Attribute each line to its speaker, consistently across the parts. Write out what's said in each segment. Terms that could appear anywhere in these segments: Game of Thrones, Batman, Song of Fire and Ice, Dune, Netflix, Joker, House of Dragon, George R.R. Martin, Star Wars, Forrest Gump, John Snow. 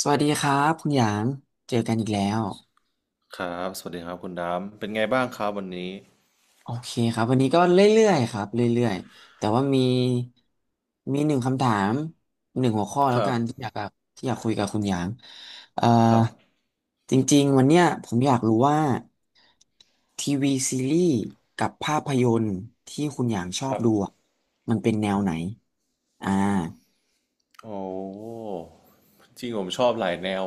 Speaker 1: สวัสดีครับคุณหยาง เจอกันอีกแล้ว
Speaker 2: ครับ สวัสดีครับคุณดามเป็นไงบ้างครับวันนี้
Speaker 1: โอเคครับวันนี้ก็เรื่อยๆครับเรื่อยๆแต่ว่ามีหนึ่งคำถามหนึ่งหัวข้อ
Speaker 2: ค
Speaker 1: แล้ว
Speaker 2: รั
Speaker 1: กั
Speaker 2: บ
Speaker 1: นที่อยากคุยกับคุณหยางเอ่อ
Speaker 2: ครับ
Speaker 1: จริงๆวันเนี้ยผมอยากรู้ว่าทีวีซีรีส์กับภาพยนตร์ที่คุณหยางชอ
Speaker 2: ค
Speaker 1: บ
Speaker 2: รับ
Speaker 1: ดูอะมันเป็นแนวไหนอ่า
Speaker 2: โอ้ จริงผมชอบหลายแนว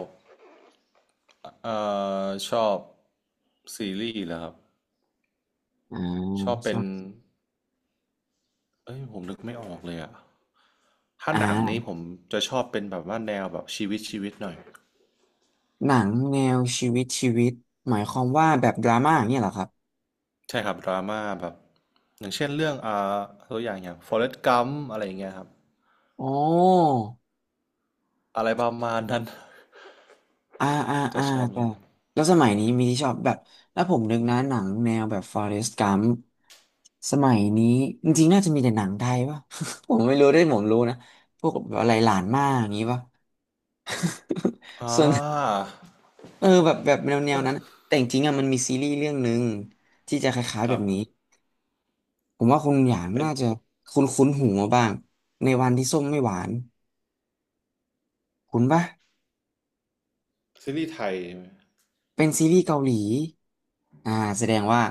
Speaker 2: เอ่ชอบซีรีส์เหรอครับ
Speaker 1: อ่า
Speaker 2: ชอบ
Speaker 1: ช
Speaker 2: เป็
Speaker 1: อ
Speaker 2: น
Speaker 1: บ
Speaker 2: เอ้ยผมนึกไม่ออกเลยอะถ้า
Speaker 1: อ่า
Speaker 2: หนังนี้ผมจะชอบเป็นแบบว่าแนวแบบชีวิตหน่อย
Speaker 1: หนังแนวชีวิตชีวิตหมายความว่าแบบดราม่าอย่างเนี่ยเหรอครับ
Speaker 2: ใช่ครับดราม่าแบบอย่างเช่นเรื่องตัวอย่างอย่าง Forrest Gump อะไรอย่างเงี้ยครับ
Speaker 1: โอ้
Speaker 2: อะไรประมาณนั้น
Speaker 1: อ่าอ่า
Speaker 2: จะ
Speaker 1: อ่า
Speaker 2: ชอบอ
Speaker 1: แต่
Speaker 2: ย่างนั้น
Speaker 1: แล้วสมัยนี้มีที่ชอบแบบแล้วผมนึกนะหนังแนวแบบ Forrest Gump สมัยนี้จริงๆน่าจะมีแต่หนังไทยป่ะ ผมไม่รู้ด้วยผมรู้นะพวกแบบอะไรหลานมากอย่างงี้ป่ะ
Speaker 2: อ่
Speaker 1: ส่วน
Speaker 2: า
Speaker 1: เออแบบแนวนั้นแต่จริงๆอ่ะมันมีซีรีส์เรื่องหนึ่งที่จะคล้ายๆ
Speaker 2: ค
Speaker 1: แบ
Speaker 2: รั
Speaker 1: บ
Speaker 2: บ
Speaker 1: นี้ผมว่าคุณหยาง
Speaker 2: เป็น
Speaker 1: น่าจะคุ้นคุ้นหูมาบ้างในวันที่ส้มไม่หวานคุ้นปะ
Speaker 2: ซีรีส์ไทยใช่ไหม
Speaker 1: เป็นซีรีส์เกาหลีอ่าแสดงว่า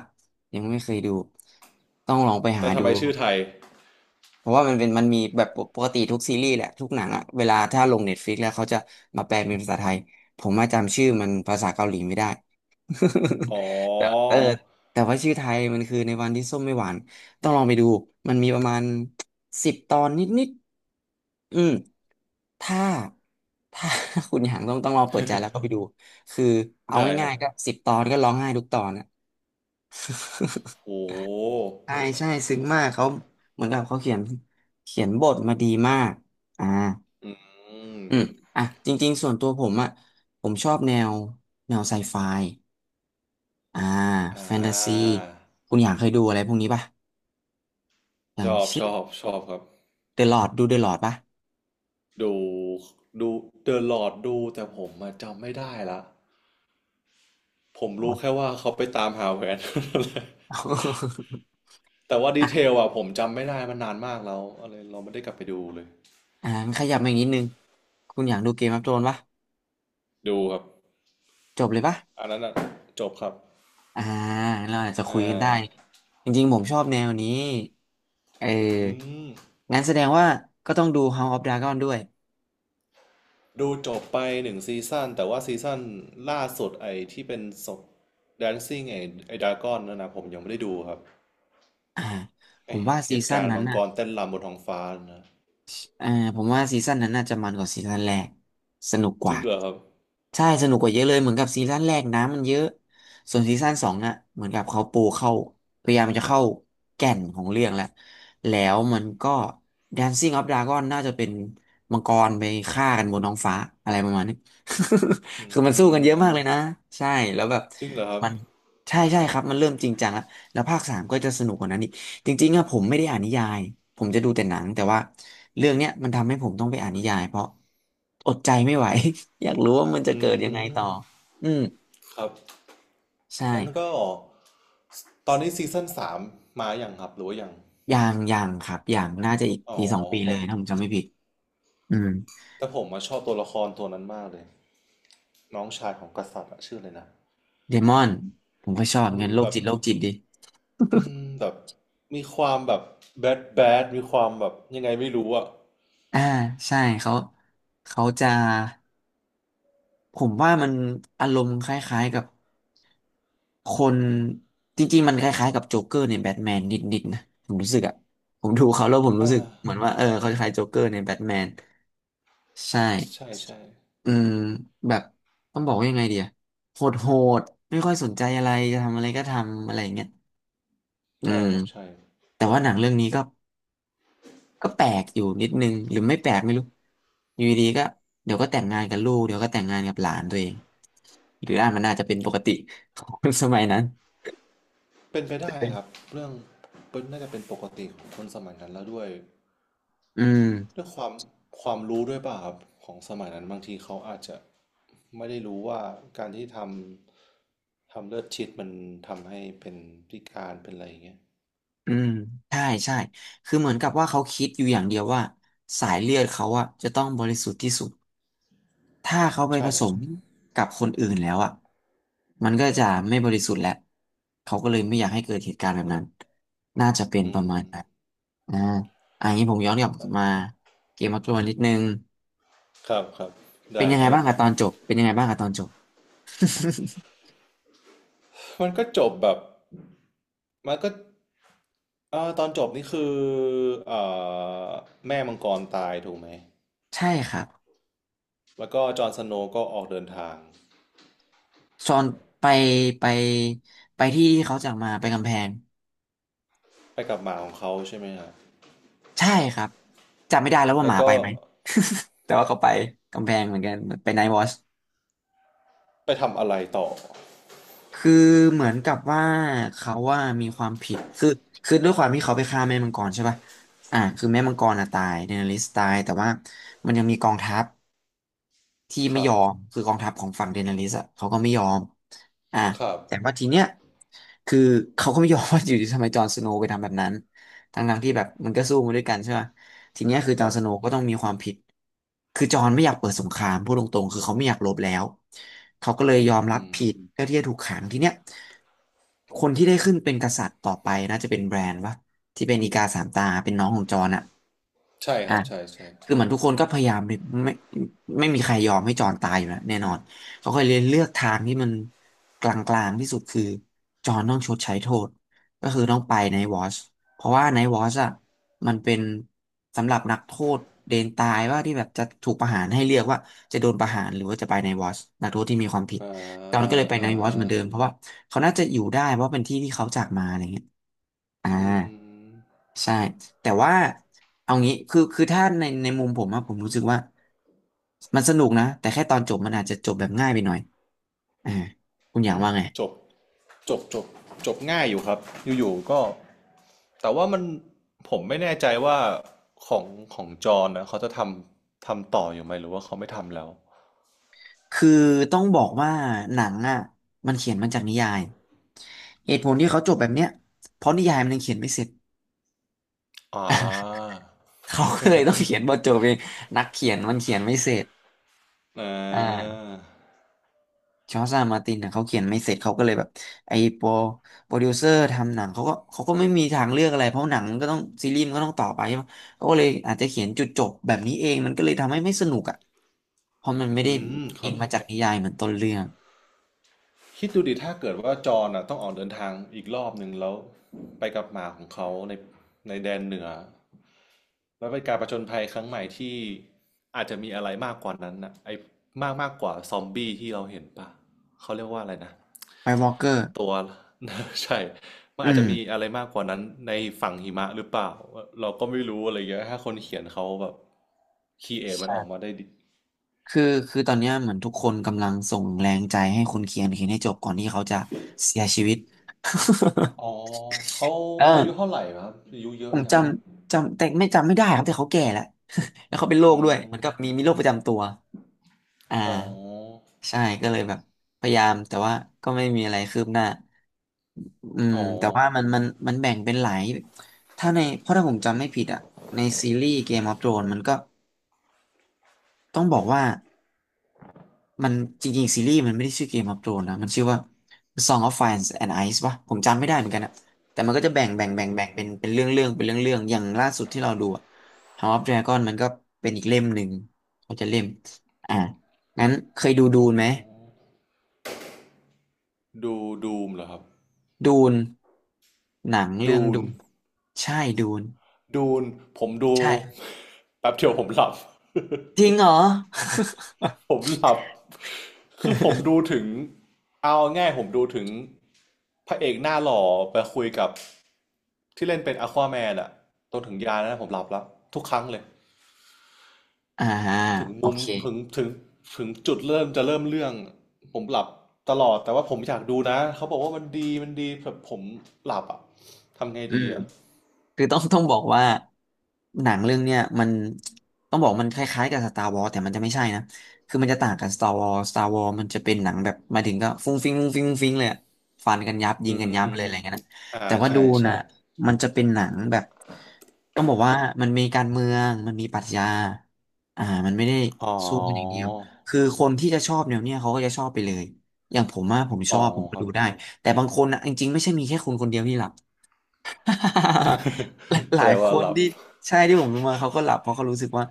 Speaker 1: ยังไม่เคยดู ต้องลองไปหา
Speaker 2: แต่ทำ
Speaker 1: ดู
Speaker 2: ไมชื่อไทย
Speaker 1: เพราะว่ามันเป็นมันมีแบบปกติทุกซีรีส์แหละ ทุกหนังอะเวลาถ้าลงเน็ตฟลิกแล้วเขาจะมาแปลเป็นภาษาไทย ผมมาจำชื่อมันภาษาเกาหลีไม่ได้
Speaker 2: อ๋
Speaker 1: แต่เอ
Speaker 2: อ
Speaker 1: อแต่ว่าชื่อไทยมันคือในวันที่ส้มไม่หวาน ต้องลองไปดู มันมีประมาณ10 ตอนนิดๆอืม ถ้าถ้า คุณอยากต้องลองเปิดใจแล้วก็ไปดูคือเอา
Speaker 2: ได้ครั
Speaker 1: ง่า
Speaker 2: บ
Speaker 1: ยๆก็สิบตอนก็ร้องไห้ทุกตอนอะ
Speaker 2: โอ้
Speaker 1: ใช่ใช่ซึ้งมากเขาเหมือนกับเขาเขียนบทมาดีมากอ่า
Speaker 2: อืม
Speaker 1: อืมอ่ะจริงๆส่วนตัวผมอ่ะผมชอบแนวไซไฟอ่า
Speaker 2: อ่
Speaker 1: แฟนตาซี
Speaker 2: า
Speaker 1: คุณอยากเคยดูอะไรพวกนี้ป่ะอย่า
Speaker 2: ช
Speaker 1: ง
Speaker 2: อบ
Speaker 1: เช่
Speaker 2: ช
Speaker 1: น
Speaker 2: อบชอบครับ
Speaker 1: เดอะลอดดูเดอะลอดป่ะ
Speaker 2: ดูดูเดอะลอ d ดูแต่ผมมาจำไม่ได้ละผม
Speaker 1: อ๋อ
Speaker 2: รู้แค่ว่าเขาไปตามหาแหวน แต่ว่าดี
Speaker 1: อ่ะ
Speaker 2: เทลอะผมจำไม่ได้มันนานมากแล้วอะไรเราไม่ได้กลับไปดูเลย
Speaker 1: อ่าขยับมาอีกนิดนึงคุณอยากดูเกมออฟโธรนป่ะ
Speaker 2: ดูครับ
Speaker 1: จบเลยป่ะ
Speaker 2: อันนั้นอะจบครับ
Speaker 1: อ่าเราอาจจะคุ
Speaker 2: อ่
Speaker 1: ยกันได้
Speaker 2: า
Speaker 1: จริงๆผมชอบแนวนี้เอ
Speaker 2: อื
Speaker 1: อ
Speaker 2: ม
Speaker 1: งั้นแสดงว่าก็ต้องดู House of Dragon ด้วย
Speaker 2: ดูจบไปหนึ่งซีซั่นแต่ว่าซีซั่นล่าสุดไอ้ที่เป็นศพ Dancing ไอ้ไอ้ดากอนนั่นนะผมยังไม่ได้ดูครับ
Speaker 1: อ่าผ
Speaker 2: ไอ้
Speaker 1: มว่า
Speaker 2: เห
Speaker 1: ซี
Speaker 2: ตุ
Speaker 1: ซั่น
Speaker 2: การณ์
Speaker 1: นั้น
Speaker 2: มัง
Speaker 1: น่ะ
Speaker 2: กรเต้นรำบนท้องฟ้านะ
Speaker 1: อ่าผมว่าซีซั่นนั้นน่าจะมันกว่าซีซั่นแรกสนุกก
Speaker 2: จริ
Speaker 1: ว่า
Speaker 2: งเหรอครับ
Speaker 1: ใช่สนุกกว่าเยอะเลยเหมือนกับซีซั่นแรกน้ำมันเยอะส่วนซีซั่น 2น่ะเหมือนกับเขาปูเข้าพยายามจะเข้าแก่นของเรื่องแหละแล้วมันก็ Dancing of Dragon น่าจะเป็นมังกรไปฆ่ากันบนท้องฟ้าอะไรประมาณนี้
Speaker 2: อื
Speaker 1: คือมันสู้กัน
Speaker 2: ม
Speaker 1: เยอะมากเลยนะใช่แล้วแบบ
Speaker 2: จริงเหรอครับ
Speaker 1: มันใช่ใช่ครับมันเริ่มจริงจังแล้วแล้วภาค 3ก็จะสนุกกว่านั้น จริงๆอะผมไม่ได้อ่านนิยาย ผมจะดูแต่หนังแต่ว่าเรื่องเนี้ยมันทำให้ผมต้องไปอ่านนิยายเพราะอดใจไม่ไหว อยากรู้ว่ามันจะ
Speaker 2: อื
Speaker 1: เกิดยังไง
Speaker 2: ม
Speaker 1: ต่ออืม
Speaker 2: ครับ
Speaker 1: ใช่
Speaker 2: นั้นก็ตอนนี้ซีซั่นสามมาอย่างครับหรือว่ายัง
Speaker 1: อย่างอย่างครับอย่างน่าจะอีก
Speaker 2: อ๋อ
Speaker 1: ปีสองปีเลยถ้าผมจำไม่ผิดอืม
Speaker 2: แต่ผมมาชอบตัวละครตัวนั้นมากเลยน้องชายของกษัตริย์อะชื่ออะไรนะ
Speaker 1: เดมอนผมก็ชอบ
Speaker 2: อื
Speaker 1: เงิ
Speaker 2: ม
Speaker 1: นโร
Speaker 2: แบ
Speaker 1: ค
Speaker 2: บ
Speaker 1: จิตโรคจิตดิ
Speaker 2: อืมแบบมีความแบบแบดมีความแบบยังไงไม่รู้อ่ะ
Speaker 1: อ่าใช่เขาจะผมว่ามันอารมณ์คล้ายๆกับ คนจริงๆมันคล้ายๆกับโจ๊กเกอร์ในแบทแมนนิดๆนะผมรู้สึกอะผมดูเขาแล้วผมรู้สึก
Speaker 2: อ่า
Speaker 1: เหมือนว่าเออเขาคล้ายโจ๊กเกอร์ในแบทแมนใช่
Speaker 2: ใช่ใช่
Speaker 1: อืมแบบต้องบอกว่ายังไงเดียโหดโหดไม่ค่อยสนใจอะไรจะทำอะไรก็ทำอะไรอย่างเงี้ยอื
Speaker 2: ใช่
Speaker 1: ม
Speaker 2: ครับใช่
Speaker 1: แต่ว่าหนังเรื่องนี้ก็ก็แปลกอยู่นิดนึงหรือไม่แปลกไม่รู้อยู่ดีๆก็เดี๋ยวก็แต่งงานกับลูกเดี๋ยวก็แต่งงานกับหลานตัวเองหรืออ่านมันอาจจะเป็นปกติของ คนสมัยนั้น
Speaker 2: เป็นไปได้ครับเรื่องเป็นน่าจะเป็นปกติของคนสมัยนั้นแล้วด้วย
Speaker 1: อืม
Speaker 2: ด้วยความความรู้ด้วยป่ะครับของสมัยนั้นบางทีเขาอาจจะไม่ได้รู้ว่าการที่ทำเลือดชิดมันทำให้เป็นพิการเป็นอะไรอย่างเงี้ย
Speaker 1: อืมใช่ใช่คือเหมือนกับว่าเขาคิดอยู่อย่างเดียวว่าสายเลือดเขาอะจะต้องบริสุทธิ์ที่สุดถ้าเขาไป
Speaker 2: ใช่
Speaker 1: ผส
Speaker 2: ครับ
Speaker 1: มกับคนอื่นแล้วอะมันก็จะไม่บริสุทธิ์แล้วเขาก็เลยไม่อยากให้เกิดเหตุการณ์แบบนั้นน่าจะเป็น
Speaker 2: อื
Speaker 1: ประ
Speaker 2: ม
Speaker 1: มาณนั้นอ่าอันนี้ผมย้อนกลับมาเกมมาตัวนิดนึง
Speaker 2: ครับครับ
Speaker 1: เป็น
Speaker 2: ได้
Speaker 1: ยังไง
Speaker 2: ครับ
Speaker 1: บ้างอะตอนจบเป็นยังไงบ้างอะตอนจบ
Speaker 2: มันก็จบแบบมันก็ ตอนจบนี่คือเอ่อแม่มังกรตายถูกไหม
Speaker 1: ใช่ครับ
Speaker 2: แล้วก็จอห์นสโนว์ก็ออกเดินทาง
Speaker 1: ซอนไปไปไปที่ที่เขาจากมาไปกำแพง
Speaker 2: ไปกับหมาของเขาใช่ไหมฮะ
Speaker 1: ใช่ครับจำไม่ได้แล้วว่าห
Speaker 2: แล้ว
Speaker 1: มา
Speaker 2: ก็
Speaker 1: ไปไหม แต่ว่าเขาไปกำแพงเหมือนกันไปไนท์วอช
Speaker 2: ไปทำอะไรต่อ
Speaker 1: คือเหมือนกับว่าเขาว่ามีความผิดคือด้วยความที่เขาไปฆ่าแม่มังกรใช่ป่ะอ่าคือแม่มังกรอ่ะตายเดนาริสตายแต่ว่ามันยังมีกองทัพ ที่
Speaker 2: ค
Speaker 1: ไม่
Speaker 2: รั
Speaker 1: ย
Speaker 2: บ
Speaker 1: อมคือกองทัพของฝั่งเดนาริสอะเขาก็ไม่ยอมอ่ะ
Speaker 2: ครับ
Speaker 1: แต่ว่าทีเนี้ยคือเขาก็ไม่ยอม ว่าอยู่ดีทำไมจอห์นสโนว์ไปทำแบบนั้นทั้งๆที่แบบมันก็สู้มาด้วยกันใช่ไหมทีเนี้ยคือ
Speaker 2: ค
Speaker 1: จอห์
Speaker 2: รั
Speaker 1: น
Speaker 2: บ
Speaker 1: สโนว์ก็ต้องมีความผิดคือจอห์นไม่อยากเปิดสงครามพูดตรงๆคือเขาไม่อยากรบแล้วเขาก็เลยยอมรั
Speaker 2: อื
Speaker 1: บผิด
Speaker 2: ม
Speaker 1: เพื่อที่จะถูกขังทีเนี้ยคนที่ได้ขึ้นเป็นกษัตริย์ต่อไปน่าจะเป็นแบรนด์วะที่เป็นอีกาสามตาเป็นน้องของจอห์นอะ
Speaker 2: ใช่ค
Speaker 1: อ่ะ
Speaker 2: รับใช่ใช่
Speaker 1: คือ
Speaker 2: ใช่
Speaker 1: เหมือนทุกคนก็พยายามไม่ไม่มีใครยอมให้จอนตายอยู่แล้วแน่นอนเขาก็เลยเลือกทางที่มันกลางๆที่สุดคือจอนต้องชดใช้โทษก็คือต้องไปในวอชเพราะว่าในวอชอ่ะมันเป็นสำหรับนักโทษเดนตายว่าที่แบบจะถูกประหารให้เลือกว่าจะโดนประหารหรือว่าจะไปในวอชนักโทษที่มีความผิด
Speaker 2: อ่า
Speaker 1: จอนก็เลยไป
Speaker 2: อ่า
Speaker 1: ในวอชเหมือนเดิมเพราะว่าเขาน่าจะอยู่ได้เพราะเป็นที่ที่เขาจากมาอะไรเงี้ยอ่า
Speaker 2: อืม
Speaker 1: ใช่ แต่ว่าเอางี้คือถ้าในมุมผมอะผมรู้สึกว่ามันสนุกนะแต่แค่ตอนจบมันอาจจะจบแบบง่ายไปหน่อยอ่าคุณอยา
Speaker 2: อื
Speaker 1: ก
Speaker 2: ม
Speaker 1: ว่าไง
Speaker 2: จบจบจบจบง่ายอยู่ครับอยู่ๆก็แต่ว่ามันผมไม่แน่ใจว่าของของจอห์นนะเขาจะทำต่ออยู่ไหมหรือว่าเขาไม่ทำแล้ว
Speaker 1: คือต้องบอกว่าหนังอะมันเขียนมาจากนิยายเหตุผลที่เขาจบแบบเนี้ยเพราะนิยายมันยังเขียนไม่เสร็จ
Speaker 2: อ๋อ
Speaker 1: เขาก็เลยต้องเขียนบทจบเองนักเขียนมันเขียนไม่เสร็จ
Speaker 2: อา
Speaker 1: อ่า จอร์จอาร์มาตินเนะเขาเขียนไม่เสร็จเขาก็เลยแบบไอ้โปรดิวเซอร์ทำหนังเขาก็ไม่มีทางเลือกอะไรเพราะหนังมันก็ต้องซีรีส์มันก็ต้องต่อไปใช่ไหมเขาก็เลยอาจจะเขียนจุดจบแบบนี้เองมันก็เลยทำให้ไม่สนุกอ่ะเพราะมันไม่
Speaker 2: อื
Speaker 1: ได้
Speaker 2: มค
Speaker 1: อิ
Speaker 2: รั
Speaker 1: ง
Speaker 2: บ
Speaker 1: มาจากนิยายเหมือนต้นเรื่อง
Speaker 2: คิดดูดิถ้าเกิดว่าจอห์นอ่ะต้องออกเดินทางอีกรอบหนึ่งแล้วไปกับหมาของเขาในแดนเหนือแล้วเป็นการผจญภัยครั้งใหม่ที่อาจจะมีอะไรมากกว่านั้นน่ะไอ้มากมากกว่าซอมบี้ที่เราเห็นปลเขาเรียกว่าอะไรนะ
Speaker 1: ไวท์วอล์กเกอร์
Speaker 2: ตัว ใช่มัน
Speaker 1: อื
Speaker 2: อาจ
Speaker 1: ม
Speaker 2: จะมีอะไรมากกว่านั้นในฝั่งหิมะหรือเปล่าเราก็ไม่รู้อะไรเงี้ยถ้าคนเขียนเขาแบบคีเอทมันออกมา
Speaker 1: ใช่
Speaker 2: ได้ดี
Speaker 1: คือคือตอนเนี้ยเหมือนทุกคนกำลังส่งแรงใจให้คนเขียนเขียนให้จบก่อนที่เขาจะเสียชีวิต
Speaker 2: อ๋อเขา
Speaker 1: เออ
Speaker 2: อายุเท่าไหร่ครับอายุเย
Speaker 1: ผ
Speaker 2: อะ
Speaker 1: ม
Speaker 2: ยั
Speaker 1: จ
Speaker 2: งครับ
Speaker 1: ำจำแต่ไม่ได้ครับแต่เขาแก่แล้ว แล้วเขาเป็นโรค
Speaker 2: อื
Speaker 1: ด้วยเหมื
Speaker 2: ม
Speaker 1: อนกับมีโรคประจำตัว อ่า
Speaker 2: อ๋อ
Speaker 1: ใช่ก็เลยแบบพยายามแต่ว่าก็ไม่มีอะไรคืบหน้าอืม
Speaker 2: อ๋อ
Speaker 1: แต่ว่ามันแบ่งเป็นหลายถ้าในเพราะถ้าผมจำไม่ผิดอ่ะในซีรีส์ Game of Thrones มันก็ต้องบอกว่ามันจริงๆซีรีส์มันไม่ได้ชื่อ Game of Thrones นะมันชื่อว่า Song of Fire and Ice ป่ะผมจำไม่ได้เหมือนกันอะแต่มันก็จะแบ่งแบ่
Speaker 2: อื
Speaker 1: งแบ่
Speaker 2: ม
Speaker 1: งแบ่งเป็นเรื่องเรื่องเป็นเรื่องเรื่องอย่างล่าสุดที่เราดูอะ House of Dragon มันก็เป็นอีกเล่มหนึ่งเขาจะเล่มอ่างั้นเคยดูดู
Speaker 2: อ๋อ
Speaker 1: นไหม
Speaker 2: ดูดูมเหรอครับ
Speaker 1: ดูน หนังเรื่อ
Speaker 2: ดู
Speaker 1: ง
Speaker 2: น
Speaker 1: ดูนใช่ดูน
Speaker 2: ดูนผมดู
Speaker 1: ใช่
Speaker 2: แป๊บเดียวผมหลับ
Speaker 1: จริงเหรอ
Speaker 2: ผมหลับคือผมดูถึงเอาง่ายผมดูถึงพระเอกหน้าหล่อไปคุยกับที่เล่นเป็นอควาแมนอะจนถึงยานะผมหลับแล้วทุกครั้งเลย
Speaker 1: อ่า
Speaker 2: ถึง
Speaker 1: โอ
Speaker 2: มุม
Speaker 1: เค
Speaker 2: ถึงถึงจุดเริ่มจะเริ่มเรื่องผมหลับตลอดแต่ว่าผมอยากดูนะเขาบอกว่ามันดีมันดีแบบผมหลับอ่ะทำไง
Speaker 1: อื
Speaker 2: ดี
Speaker 1: ม
Speaker 2: อ่ะ
Speaker 1: คือต้อง ต้องบอกว่าหนังเรื่องเนี้ยมันต้องบอกมันคล้ายๆกับ Star Wars แต่มันจะไม่ใช่นะคือมันจะต่างกับ Star Wars Star Wars มันจะเป็นหนังแบบมาถึงก็ฟุ้งฟิ้งฟุ้งฟิ้งฟุ้งฟิ้งเลยอะฟันกันยับยิง
Speaker 2: อื
Speaker 1: กันยับเลย
Speaker 2: ม
Speaker 1: อะไรเงี้ยนะ
Speaker 2: อ่า
Speaker 1: แต่ว่าดู
Speaker 2: ใช่
Speaker 1: นะ
Speaker 2: ใช่
Speaker 1: มันจะเป็นหนังแบบต้องบอกว่ามันมีการเมืองมันมีปรัชญาอ่ามันไม่ได้
Speaker 2: อ๋
Speaker 1: สู้กันอย่างเดีย
Speaker 2: อ
Speaker 1: วคือคนที่จะชอบแนวเนี้ยเขาก็จะชอบไปเลยอย่างผมอะผมช
Speaker 2: อ๋อ
Speaker 1: อบผมก็
Speaker 2: ครั
Speaker 1: ดู
Speaker 2: บ
Speaker 1: ได้แต่บางคนนะจริงๆไม่ใช่มีแค่คุณคนเดียวที่หลับ หลาย ห
Speaker 2: แส
Speaker 1: ลา
Speaker 2: ด
Speaker 1: ย
Speaker 2: ง
Speaker 1: ค
Speaker 2: ว่า
Speaker 1: น
Speaker 2: หลับ
Speaker 1: ที่ใช่ที่ผมดูมาเขาก็หลับเพราะเขารู้สึกว่า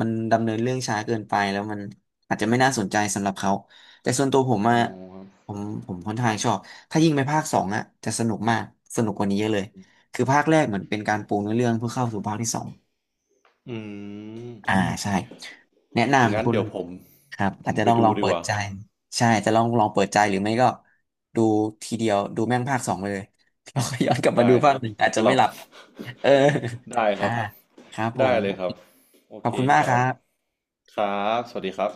Speaker 1: มันดำเนินเรื่องช้าเกินไปแล้วมันอาจจะไม่น่าสนใจสำหรับเขาแต่ส่วนตัวผม
Speaker 2: อ๋
Speaker 1: อะ
Speaker 2: อครับ
Speaker 1: ผมผมค่อนข้างชอบถ้ายิ่งไปภาคสองอะจะสนุกมากสนุกกว่านี้เยอะเลยคือภาคแรกเหมือนเป็นการปูเนื้อเรื่องเพื่อเข้าสู่ภาคที่สอง
Speaker 2: อืม
Speaker 1: อ่าใช่แนะ
Speaker 2: งั้
Speaker 1: นำ
Speaker 2: น
Speaker 1: คุณ
Speaker 2: เดี๋ยวผม
Speaker 1: ครับ
Speaker 2: ผ
Speaker 1: อาจ
Speaker 2: ม
Speaker 1: จะ
Speaker 2: ไป
Speaker 1: ต้องล
Speaker 2: ดู
Speaker 1: อง
Speaker 2: ดี
Speaker 1: เปิ
Speaker 2: ก
Speaker 1: ด
Speaker 2: ว่า
Speaker 1: ใจใช่จะลองเปิดใจหรือไม่ก็ดูทีเดียวดูแม่งภาคสองไปเลย แล้วก็ย้อนกลับมา
Speaker 2: ได้
Speaker 1: ดู
Speaker 2: ค
Speaker 1: ภา
Speaker 2: รั
Speaker 1: ค
Speaker 2: บ
Speaker 1: หนึ่งอาจจะ
Speaker 2: ห
Speaker 1: ไม่
Speaker 2: ลั
Speaker 1: ห
Speaker 2: บ
Speaker 1: ลับ เออ
Speaker 2: ได้ ค
Speaker 1: อ่า
Speaker 2: รับ
Speaker 1: ครับผ
Speaker 2: ได้
Speaker 1: ม
Speaker 2: เลยครับโอ
Speaker 1: ขอ
Speaker 2: เค
Speaker 1: บคุณมา
Speaker 2: ค
Speaker 1: กค
Speaker 2: รั
Speaker 1: รั
Speaker 2: บ
Speaker 1: บ
Speaker 2: ครับสวัสดีครับ